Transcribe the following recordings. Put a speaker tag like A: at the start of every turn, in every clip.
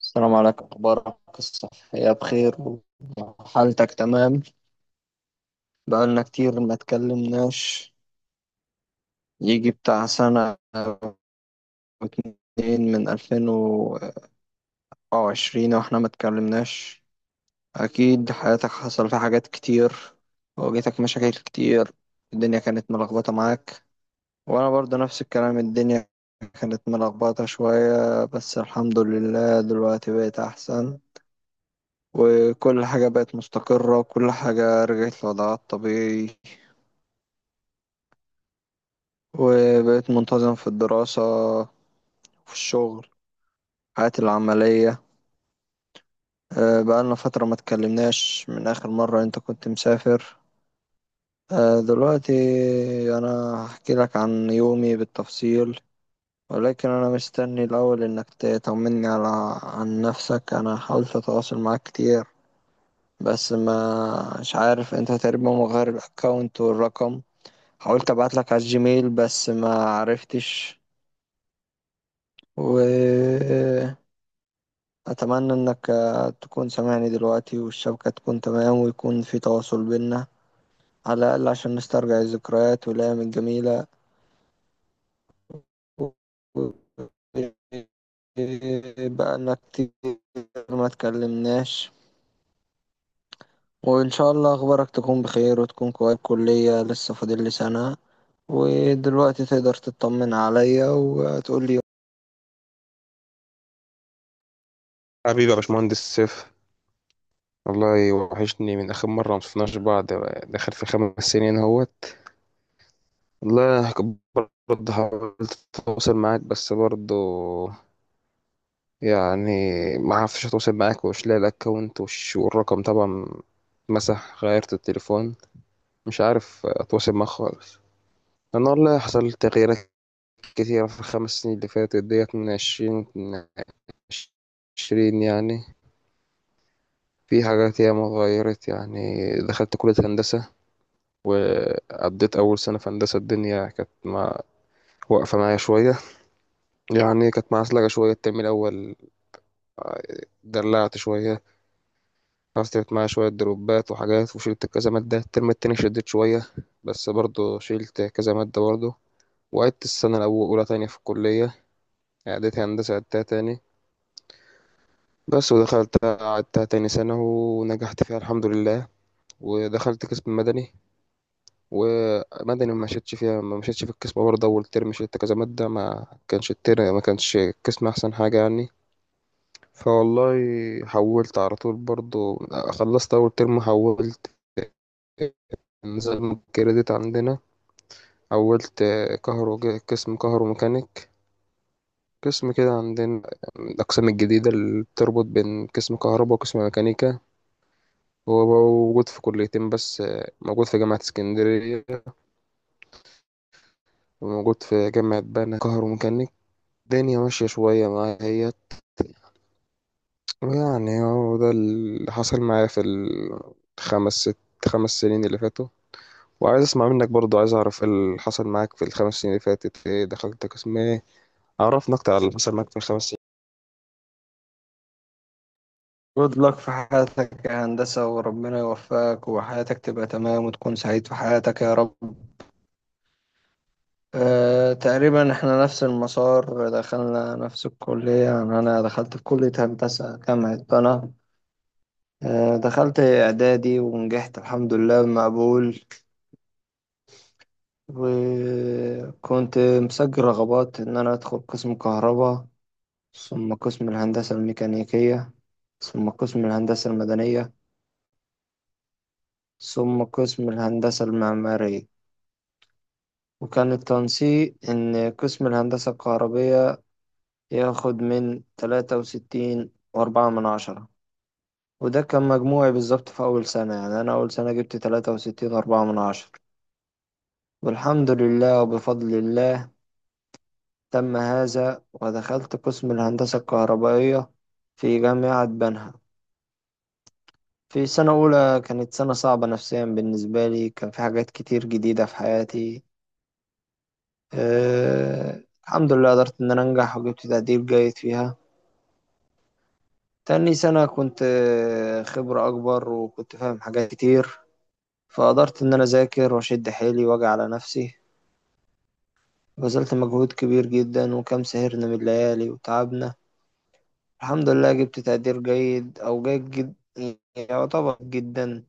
A: السلام عليكم، أخبارك الصحية بخير وحالتك تمام؟ بقالنا كتير ما اتكلمناش، يجي بتاع سنة واتنين من 2020 واحنا ما اتكلمناش. أكيد حياتك حصل فيها حاجات كتير، واجهتك مشاكل كتير، الدنيا كانت ملخبطة معاك. وأنا برضه نفس الكلام، الدنيا كانت ملخبطة شوية بس الحمد لله دلوقتي بقيت أحسن، وكل حاجة بقت مستقرة وكل حاجة رجعت لوضعها الطبيعي، وبقيت منتظم في الدراسة، في الشغل، حياتي العملية. بقالنا فترة ما اتكلمناش من آخر مرة أنت كنت مسافر. دلوقتي أنا هحكي لك عن يومي بالتفصيل، ولكن أنا مستني الأول إنك تطمني على عن نفسك. أنا حاولت أتواصل معاك كتير بس ما مش عارف، أنت تقريبا مغير الأكاونت والرقم، حاولت ابعت لك على الجيميل بس ما عرفتش. واتمنى انك تكون سامعني دلوقتي والشبكة تكون تمام ويكون في تواصل بينا، على الاقل عشان نسترجع الذكريات والايام الجميلة. بقالنا كتير ما اتكلمناش. وإن شاء الله أخبارك تكون بخير وتكون كويس، كلية لسه فاضل لي سنة، ودلوقتي تقدر تطمن عليا وتقول لي.
B: حبيبي يا باشمهندس سيف. والله وحشني من آخر مرة مشفناش بعض، داخل في 5 سنين اهوت. والله برضه حاولت أتواصل معاك، بس برضه يعني ما عرفتش أتواصل معاك، ومش لاقي الأكونت والرقم طبعا مسح، غيرت التليفون، مش عارف أتواصل معاك خالص. أنا والله حصل تغييرات كتيرة في ال5 سنين اللي فاتت ديت، من عشرين يعني. في حاجات ياما اتغيرت، يعني دخلت كلية هندسة، وقضيت أول سنة في هندسة. الدنيا كانت واقفة معايا شوية، يعني كانت معسلكة شوية. الترم الأول دلعت شوية، حصلت معايا شوية دروبات وحاجات وشلت كذا مادة. الترم التاني شديت شوية، بس برضه شيلت كذا مادة برضه. وعدت السنة الأولى تانية في الكلية. عدت هندسة، عدتها تاني، بس ودخلت عدتها تاني سنة ونجحت فيها الحمد لله. ودخلت قسم مدني، ومدني ما مشيتش في القسم، برضه أول ترم شلت كذا مادة. ما كانش القسم أحسن حاجة يعني. فوالله حولت على طول برضه، خلصت أول ترم حولت، نظام الكريدت عندنا. حولت كهرو قسم كهرو ميكانيك. قسم كده عندنا، من الأقسام الجديدة اللي بتربط بين قسم كهرباء وقسم ميكانيكا. هو موجود في كليتين بس، موجود في جامعة اسكندرية، وموجود في جامعة بنها، كهرو ميكانيك. الدنيا ماشية شوية معايا اهيت، يعني هو ده اللي حصل معايا في الخمس ست خمس سنين اللي فاتوا. وعايز اسمع منك برضو، عايز اعرف إيه اللي حصل معاك في الخمس سنين اللي فاتت، ايه دخلت قسم ايه، عرفنا اكتر على اللي حصل معاك في الخمس سنين.
A: جود لك في حياتك يا هندسة، وربنا يوفقك وحياتك تبقى تمام وتكون سعيد في حياتك يا رب. أه، تقريبا احنا نفس المسار، دخلنا نفس الكلية، يعني أنا دخلت في كلية هندسة جامعة طنعا. أه، دخلت إعدادي ونجحت الحمد لله بمقبول، وكنت مسجل رغبات إن أنا أدخل قسم كهرباء، ثم قسم الهندسة الميكانيكية، ثم قسم الهندسة المدنية، ثم قسم الهندسة المعمارية. وكان التنسيق إن قسم الهندسة الكهربية ياخد من 63.4/10، وده كان مجموعي بالظبط في أول سنة، يعني أنا أول سنة جبت 63.4/10، والحمد لله وبفضل الله تم هذا ودخلت قسم الهندسة الكهربائية في جامعة بنها. في سنة أولى كانت سنة صعبة نفسيا بالنسبة لي، كان في حاجات كتير جديدة في حياتي. أه، الحمد لله قدرت إن أنا أنجح وجبت تقدير جيد فيها. تاني سنة كنت خبرة أكبر وكنت فاهم حاجات كتير، فقدرت إن أنا أذاكر وأشد حيلي وأجي على نفسي. بذلت مجهود كبير جدا وكم سهرنا من الليالي وتعبنا، الحمد لله جبت تقدير جيد أو جيد جد يعتبر جدا.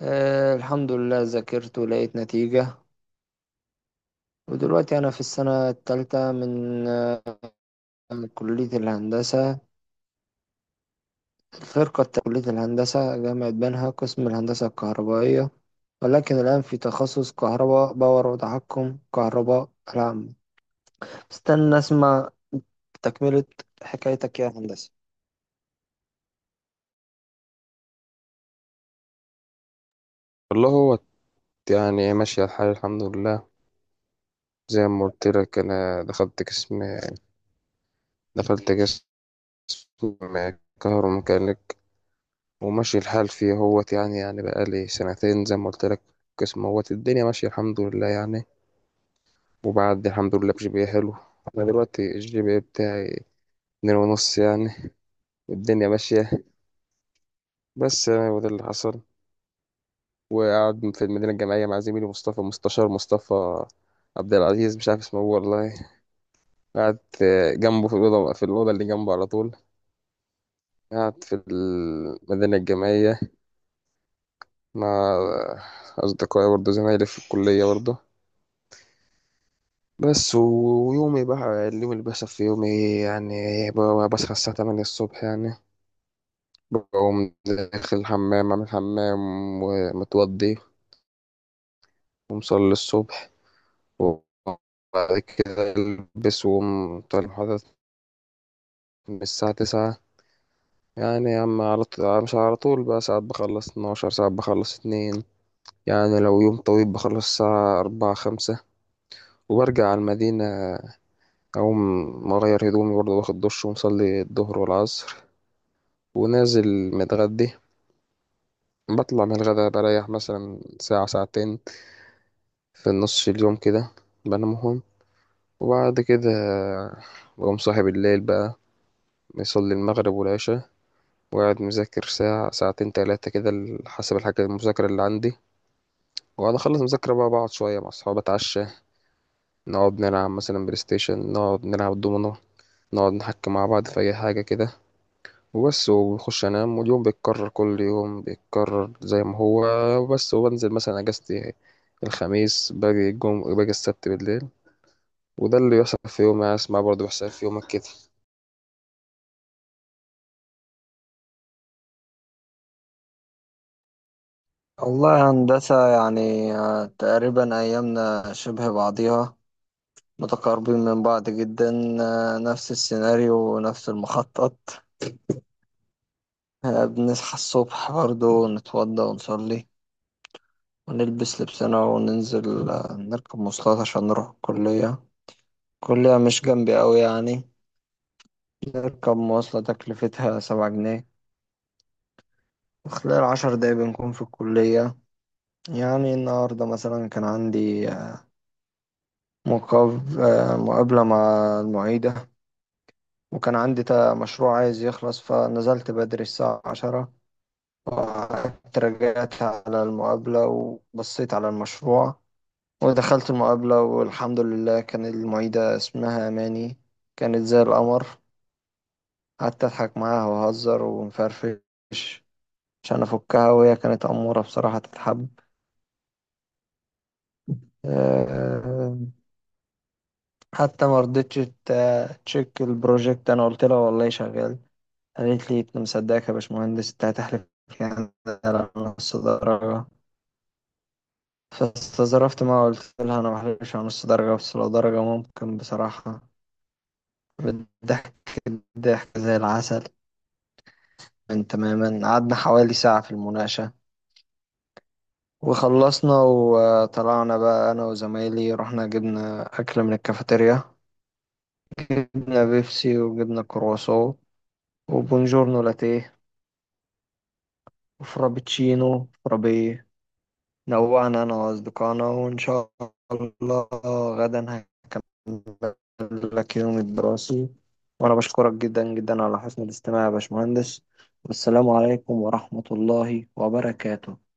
A: آه، الحمد لله ذاكرت ولقيت نتيجة. ودلوقتي أنا في السنة التالتة من كلية الهندسة، فرقة كلية الهندسة جامعة بنها قسم الهندسة الكهربائية، ولكن الآن في تخصص كهرباء باور وتحكم كهرباء العامة. استنى أسمع تكملة حكايتك يا هندسة.
B: والله هو يعني ماشية الحال الحمد لله، زي ما قلت لك انا دخلت قسم كهروميكانيك. وماشي الحال فيه هوت يعني، يعني بقالي سنتين زي ما قلت لك. قسم هوت، الدنيا ماشية الحمد لله يعني. وبعد الحمد لله بجي بي حلو، انا دلوقتي الجي بي إيه بتاعي اتنين ونص يعني، والدنيا ماشية. بس يعني، وده اللي حصل. وقاعد في المدينة الجامعية مع زميلي مصطفى، مستشار مصطفى عبد العزيز مش عارف اسمه هو والله. قاعد جنبه في الأوضة، اللي جنبه على طول. قاعد في المدينة الجامعية مع أصدقائي برضه، زمايلي في الكلية برضه. بس ويومي بقى، اليوم اللي بيحصل في يومي يعني، بصحى الساعة 8 الصبح يعني. بقوم داخل الحمام أعمل حمام، ومتوضي، ومصلي الصبح. وبعد كده ألبس وأقوم طالع المحاضرة من الساعة 9. يعني يا عم على طول، مش على طول بقى، ساعات بخلص اتناشر، ساعات بخلص اتنين، يعني لو يوم طويل بخلص الساعة أربعة خمسة. وبرجع على المدينة، أقوم أغير هدومي برضه، واخد دش، ومصلي الظهر والعصر. ونازل متغدي، بطلع من الغدا بريح مثلا ساعة ساعتين في نص اليوم كده، بنامهم. وبعد كده بقوم صاحي بالليل بقى، بيصلي المغرب والعشاء. وقاعد مذاكر ساعة ساعتين تلاتة كده، حسب الحاجة المذاكرة اللي عندي. وبعد أخلص مذاكرة بقى، بقعد شوية مع أصحابي، أتعشى. نقعد نلعب مثلا بلاي ستيشن، نقعد نلعب دومينو، نقعد نحكي مع بعض في أي حاجة كده. وبس، وبخش أنام. واليوم بيتكرر، كل يوم بيتكرر زي ما هو. وبس. وبنزل مثلا أجازتي الخميس، باجي باجي السبت بالليل. وده اللي بيحصل في يومي أنا. اسمع برضه بيحصل في يومك كده.
A: والله يا هندسة يعني، تقريبا أيامنا شبه بعضيها، متقاربين من بعض جدا. آه، نفس السيناريو ونفس المخطط. آه، بنصحى الصبح برضو نتوضى ونصلي ونلبس لبسنا وننزل، نركب مواصلات عشان نروح الكلية. كلية مش جنبي أوي يعني، نركب مواصلة تكلفتها 7 جنيه، وخلال 10 دقايق بنكون في الكلية. يعني النهاردة مثلا كان عندي مقابلة مع المعيدة، وكان عندي مشروع عايز يخلص، فنزلت بدري الساعة 10 وقعدت رجعت على المقابلة وبصيت على المشروع، ودخلت المقابلة والحمد لله كان المعيدة اسمها أماني، كانت زي القمر. قعدت أضحك معاها وأهزر ونفرفش عشان افكها، وهي كانت اموره بصراحه تتحب. آه، حتى ما رضتش تشيك البروجكت، انا قلت لها والله شغال، قالت لي انت مصدقك يا باشمهندس؟ انت هتحلف يعني على نص درجه؟ فاستظرفت ما قلت لها انا ما بحلفش على نص درجه بس لو درجه ممكن بصراحه، بالضحك ضحك زي العسل. من تماما قعدنا حوالي ساعه في المناقشه وخلصنا وطلعنا، بقى انا وزمايلي رحنا جبنا اكل من الكافيتيريا، جبنا بيبسي وجبنا كرواسون وبونجورنو لاتيه وفرابتشينو فرابيه، نوعنا أنا وأصدقائنا. وإن شاء الله غدا هكمل لك يوم الدراسي. وأنا بشكرك جدا جدا على حسن الاستماع يا باشمهندس، والسلام عليكم ورحمة الله وبركاته.